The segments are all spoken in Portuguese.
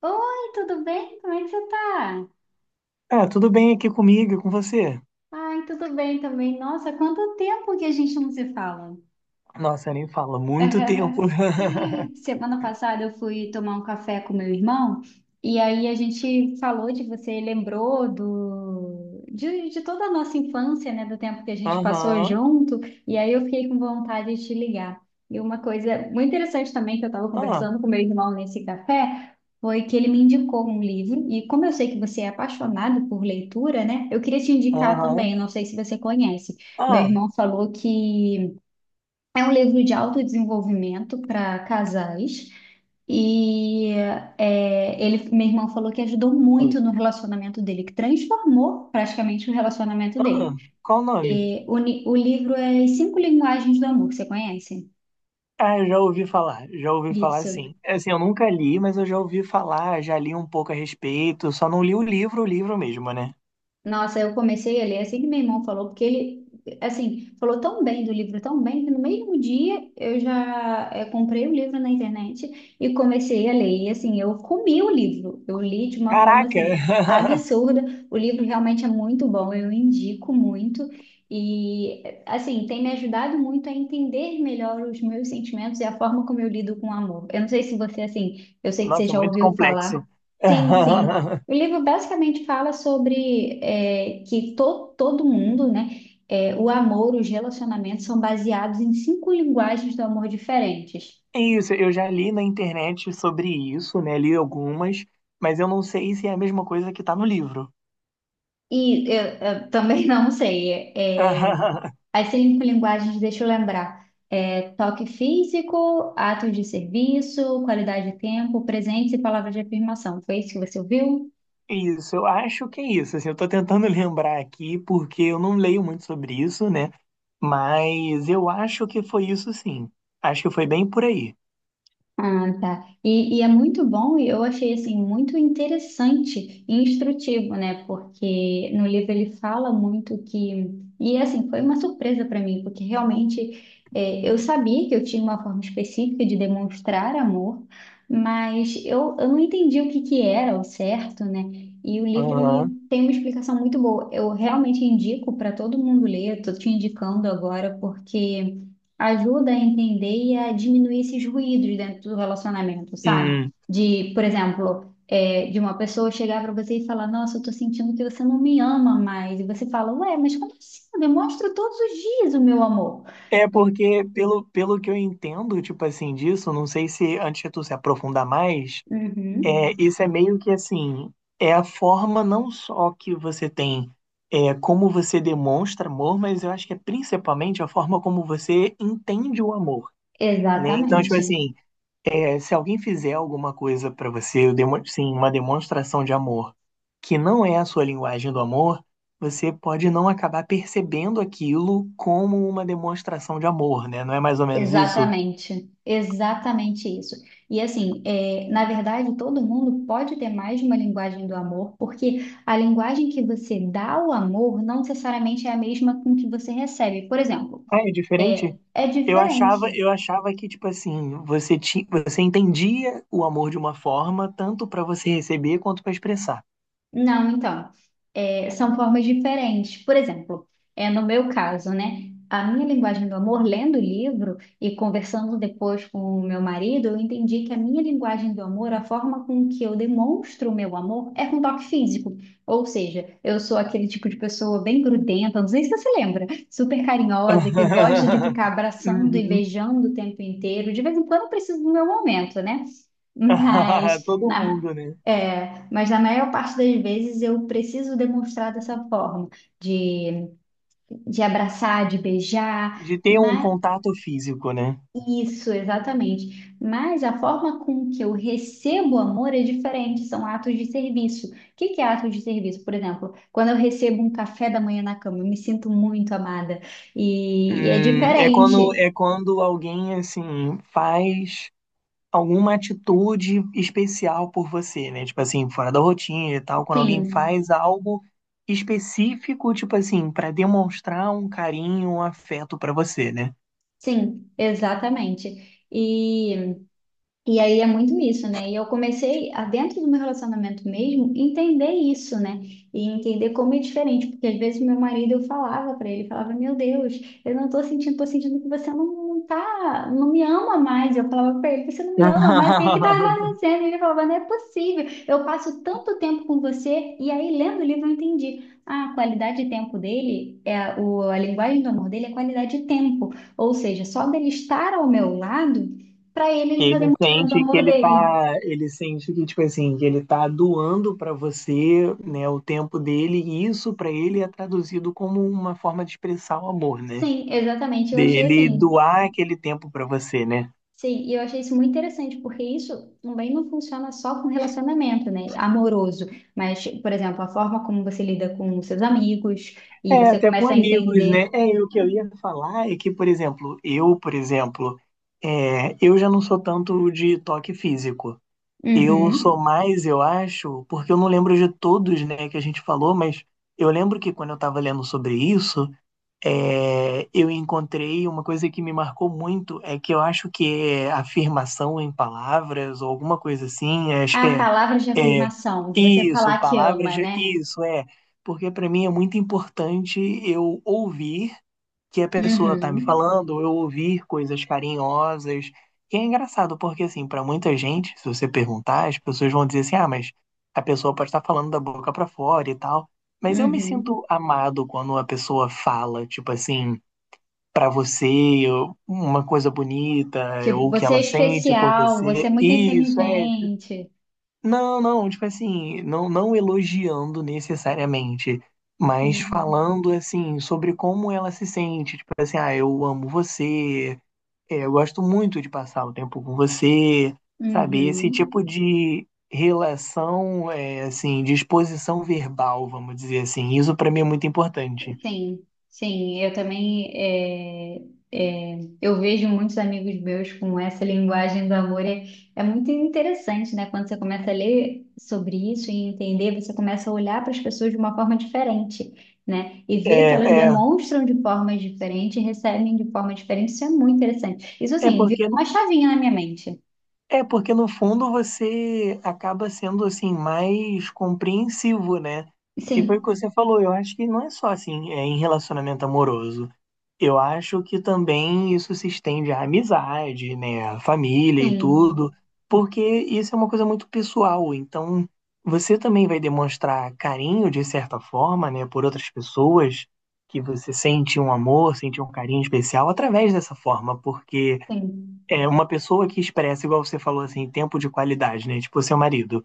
Oi, tudo bem? Como é que você tá? É, tudo bem aqui comigo, e com você? Ai, tudo bem também. Nossa, quanto tempo que a gente não se fala. Nossa, nem fala, muito tempo. Semana passada eu fui tomar um café com meu irmão e aí a gente falou de você, lembrou de toda a nossa infância, né, do tempo que a gente passou Aham. junto, e aí eu fiquei com vontade de te ligar. E uma coisa muito interessante também que eu estava Ah. conversando com meu irmão nesse café foi que ele me indicou um livro, e como eu sei que você é apaixonado por leitura, né, eu queria te indicar também, Aham. não sei se você conhece. Meu Ah. irmão falou que é um livro de autodesenvolvimento para casais. E meu irmão falou que ajudou Ah, muito no relacionamento dele, que transformou praticamente o relacionamento dele. qual o nome? E o livro é As Cinco Linguagens do Amor, você conhece? Ah, eu já ouvi falar Isso. sim. Assim, eu nunca li, mas eu já ouvi falar, já li um pouco a respeito, só não li o livro mesmo, né? Nossa, eu comecei a ler é assim que meu irmão falou, porque ele, assim, falou tão bem do livro, tão bem, que no mesmo dia eu já comprei o livro na internet e comecei a ler. E assim, eu comi o livro, eu li de uma forma Caraca! assim, absurda. O livro realmente é muito bom, eu indico muito. E assim, tem me ajudado muito a entender melhor os meus sentimentos e a forma como eu lido com o amor. Eu não sei se você, assim, eu sei que você Nossa, já muito ouviu complexo. falar. Sim, sim. O livro basicamente fala sobre todo mundo, né, é, o amor, os relacionamentos são baseados em cinco linguagens do amor diferentes. Isso, eu já li na internet sobre isso, né? Mas eu não sei se é a mesma coisa que tá no livro. E eu, eu também não sei. As cinco linguagens, deixa eu lembrar: é, toque físico, atos de serviço, qualidade de tempo, presentes e palavras de afirmação. Foi isso que você ouviu? Isso, eu acho que é isso. Assim, eu tô tentando lembrar aqui, porque eu não leio muito sobre isso, né? Mas eu acho que foi isso sim. Acho que foi bem por aí. Ah, tá. E é muito bom, e eu achei assim muito interessante e instrutivo, né? Porque no livro ele fala muito que. E assim, foi uma surpresa para mim, porque realmente é, eu sabia que eu tinha uma forma específica de demonstrar amor, mas eu não entendi o que que era o certo, né? E o livro ele Aham. tem uma explicação muito boa. Eu realmente indico para todo mundo ler, eu tô te indicando agora, porque ajuda a entender e a diminuir esses ruídos dentro do relacionamento, sabe? Hum. De, por exemplo, é, de uma pessoa chegar para você e falar: nossa, eu tô sentindo que você não me ama mais. E você fala: ué, mas como assim? Eu demonstro todos os dias o meu amor. É porque, pelo que eu entendo, tipo assim, disso, não sei se antes de tu se aprofundar mais, Uhum, isso é meio que assim, é a forma não só que você tem, como você demonstra amor, mas eu acho que é principalmente a forma como você entende o amor, né? Então, tipo exatamente. assim. Se alguém fizer alguma coisa para você, sim, uma demonstração de amor, que não é a sua linguagem do amor, você pode não acabar percebendo aquilo como uma demonstração de amor, né? Não é mais ou menos isso? Exatamente, exatamente isso. E assim, é, na verdade, todo mundo pode ter mais de uma linguagem do amor, porque a linguagem que você dá ao amor não necessariamente é a mesma com que você recebe. Por exemplo, Ah, é diferente? é, é Eu achava, diferente. eu achava que, tipo assim, você entendia o amor de uma forma, tanto para você receber quanto para expressar. Não, então, é, são formas diferentes. Por exemplo, é no meu caso, né? A minha linguagem do amor, lendo o livro e conversando depois com o meu marido, eu entendi que a minha linguagem do amor, a forma com que eu demonstro o meu amor, é com toque físico. Ou seja, eu sou aquele tipo de pessoa bem grudenta, não sei se você se lembra, super carinhosa, que gosta de ficar abraçando e Uhum. beijando o tempo inteiro. De vez em quando eu preciso do meu momento, né? Mas Todo na- mundo, né? é, mas na maior parte das vezes eu preciso demonstrar dessa forma, de, de abraçar, de beijar, De ter um mas contato físico, né? isso, exatamente. Mas a forma com que eu recebo amor é diferente, são atos de serviço. O que que é ato de serviço? Por exemplo, quando eu recebo um café da manhã na cama, eu me sinto muito amada e é É quando diferente. Alguém assim faz alguma atitude especial por você, né? Tipo assim, fora da rotina e tal, quando alguém Sim, faz algo específico, tipo assim, para demonstrar um carinho, um afeto pra você, né? sim, exatamente. E aí é muito isso, né? E eu comecei, a, dentro do meu relacionamento mesmo, entender isso, né? E entender como é diferente, porque às vezes meu marido eu falava pra ele, falava, meu Deus, eu não tô sentindo, tô sentindo que você não tá, não me ama mais. Eu falava pra ele, você não me ama mais, o que é que tá acontecendo? E ele falava, não é possível, eu passo tanto tempo com você, e aí lendo o livro eu entendi. A qualidade de tempo dele, a linguagem do amor dele é qualidade de tempo, ou seja, só dele estar ao meu lado. Para ele, ele está Ele tanto sente que amor ele dele. tá, ele sente que tipo assim, que ele tá doando pra você, né, o tempo dele, e isso pra ele é traduzido como uma forma de expressar o amor, né? Sim, exatamente. Eu achei Dele assim. doar aquele tempo para você, né? Sim, e eu achei isso muito interessante, porque isso também não funciona só com relacionamento, né, amoroso, mas, por exemplo, a forma como você lida com os seus amigos e É, você até com começa a amigos, né? entender É, o que eu ia falar é que, por exemplo, eu, por exemplo, é, eu já não sou tanto de toque físico. Eu sou uhum, mais, eu acho, porque eu não lembro de todos, né, que a gente falou, mas eu lembro que quando eu estava lendo sobre isso, eu encontrei uma coisa que me marcou muito, é que eu acho que é afirmação em palavras ou alguma coisa assim, a palavra de é afirmação, de você isso, falar que palavras, ama, de- né? isso, é, porque para mim é muito importante eu ouvir que a pessoa tá me Uhum, falando, eu ouvir coisas carinhosas. E é engraçado, porque assim, pra muita gente, se você perguntar, as pessoas vão dizer assim: "Ah, mas a pessoa pode estar falando da boca pra fora e tal". Mas eu me uhum. sinto amado quando a pessoa fala, tipo assim, pra você, ou uma coisa bonita, Tipo, ou o que você é ela sente por especial, você você. é muito inteligente. Não, tipo assim, não, não elogiando necessariamente, mas Uhum, falando assim sobre como ela se sente, tipo assim, ah, eu amo você, eu gosto muito de passar o tempo com você, sabe? Esse uhum. tipo de relação, assim, de exposição verbal, vamos dizer assim, isso pra mim é muito importante. Sim, sim, eu também eu vejo muitos amigos meus com essa linguagem do amor. É, é muito interessante, né? Quando você começa a ler sobre isso e entender, você começa a olhar para as pessoas de uma forma diferente, né? E ver que É, elas é, demonstram de formas diferentes, recebem de forma diferente. Isso é muito interessante. Isso, é assim, virou porque uma chavinha na minha mente. Porque no fundo você acaba sendo assim mais compreensivo, né? E foi o Sim, que você falou, eu acho que não é só assim, é em relacionamento amoroso. Eu acho que também isso se estende à amizade, né, à família e tudo, sim, porque isso é uma coisa muito pessoal, então você também vai demonstrar carinho de certa forma, né, por outras pessoas que você sente um amor, sente um carinho especial através dessa forma, porque sim. é uma pessoa que expressa, igual você falou assim, tempo de qualidade, né? Tipo, seu marido,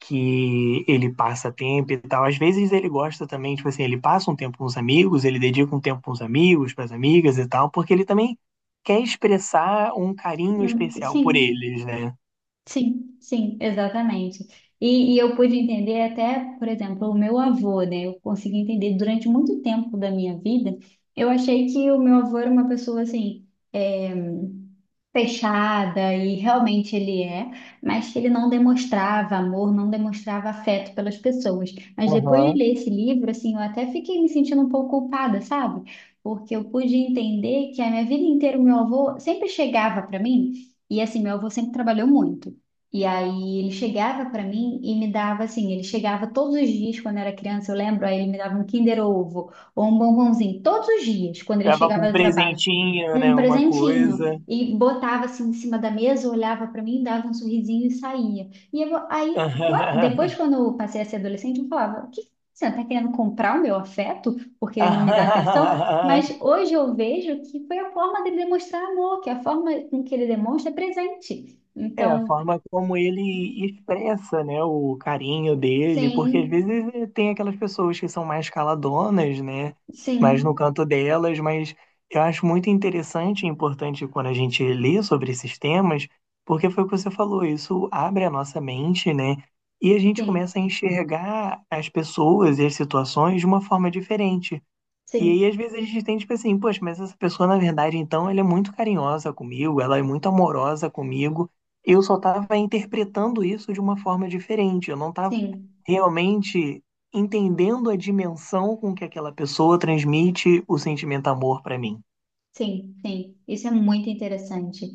que ele passa tempo e tal. Às vezes ele gosta também, tipo assim, ele passa um tempo com os amigos, ele dedica um tempo com os amigos, para as amigas e tal, porque ele também quer expressar um carinho especial por sim. eles, né? Sim, sim, exatamente. E eu pude entender até, por exemplo, o meu avô, né? Eu consegui entender durante muito tempo da minha vida. Eu achei que o meu avô era uma pessoa assim. eh, fechada e realmente ele é, mas que ele não demonstrava amor, não demonstrava afeto pelas pessoas. Mas depois de Aham. ler esse livro, assim, eu até fiquei me sentindo um pouco culpada, sabe? Porque eu pude entender que a minha vida inteira o meu avô sempre chegava para mim e assim, meu avô sempre trabalhou muito. E aí ele chegava para mim e me dava assim, ele chegava todos os dias quando eu era criança, eu lembro, aí ele me dava um Kinder Ovo ou um bombonzinho todos os dias quando ele Acaba com chegava um do trabalho presentinho, um né? Uma presentinho coisa. e botava assim em cima da mesa, olhava para mim, dava um sorrisinho e saía. E eu, aí, depois, quando eu passei a ser adolescente, eu falava: "O que que você está querendo comprar o meu afeto porque ele não me dá atenção?" Mas hoje eu vejo que foi a forma dele demonstrar amor, que a forma com que ele demonstra é presente. É, a Então, forma como ele expressa, né, o carinho dele, porque às sim, vezes tem aquelas pessoas que são mais caladonas, né, mais no sim, canto delas, mas eu acho muito interessante e importante quando a gente lê sobre esses temas, porque foi o que você falou, isso abre a nossa mente, né, e a gente sim, começa a enxergar as pessoas e as situações de uma forma diferente. E aí, sim, às vezes, a gente tem, tipo assim, poxa, mas essa pessoa, na verdade, então, ela é muito carinhosa comigo, ela é muito amorosa comigo. Eu só tava interpretando isso de uma forma diferente. Eu não tava sim. realmente entendendo a dimensão com que aquela pessoa transmite o sentimento amor pra mim. Sim, sim, isso é muito interessante.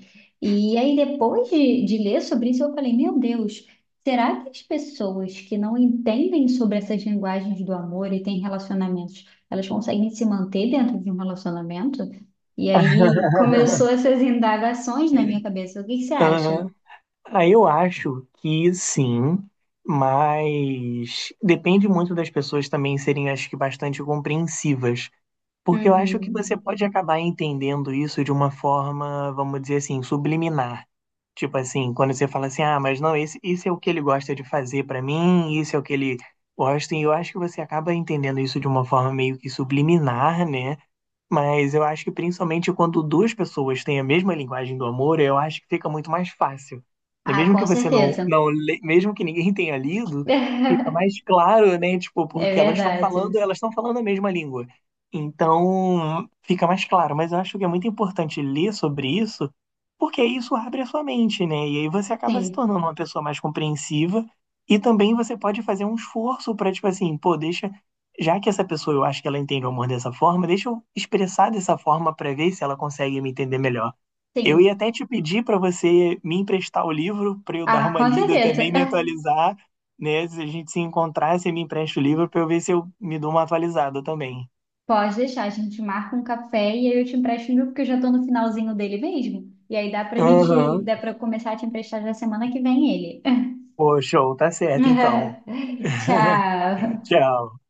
E aí, depois de ler sobre isso, eu falei: meu Deus, será que as pessoas que não entendem sobre essas linguagens do amor e têm relacionamentos, elas conseguem se manter dentro de um relacionamento? E aí começou essas indagações na minha cabeça. O que que você acha? Ah, aí eu acho que sim, mas depende muito das pessoas também serem, acho que, bastante compreensivas. Porque eu acho que você Uhum. pode acabar entendendo isso de uma forma, vamos dizer assim, subliminar. Tipo assim, quando você fala assim, ah, mas não, esse, isso é o que ele gosta de fazer pra mim, isso é o que ele gosta, e eu acho que você acaba entendendo isso de uma forma meio que subliminar, né? Mas eu acho que principalmente quando duas pessoas têm a mesma linguagem do amor, eu acho que fica muito mais fácil. Né? Ah, Mesmo que com você não, certeza. não le- mesmo que ninguém tenha lido, fica mais claro, né? Tipo, É porque verdade. elas estão falando a mesma língua. Então, fica mais claro. Mas eu acho que é muito importante ler sobre isso, porque isso abre a sua mente, né? E aí você acaba se Sim, tornando uma pessoa mais compreensiva. E também você pode fazer um esforço para, tipo assim, pô, deixa já que essa pessoa eu acho que ela entende o amor dessa forma, deixa eu expressar dessa forma para ver se ela consegue me entender melhor. Eu ia sim. até te pedir para você me emprestar o livro para eu dar Ah, uma com lida certeza. também, me atualizar, né? Se a gente se encontrar, você me empresta o livro para eu ver se eu me dou uma atualizada também. Pode deixar, a gente marca um café e aí eu te empresto o meu, porque eu já tô no finalzinho dele mesmo. E aí dá pra gente, Aham. dá pra eu começar a te emprestar já semana que vem ele. Pô, show, tá certo então. Tchau. Tchau.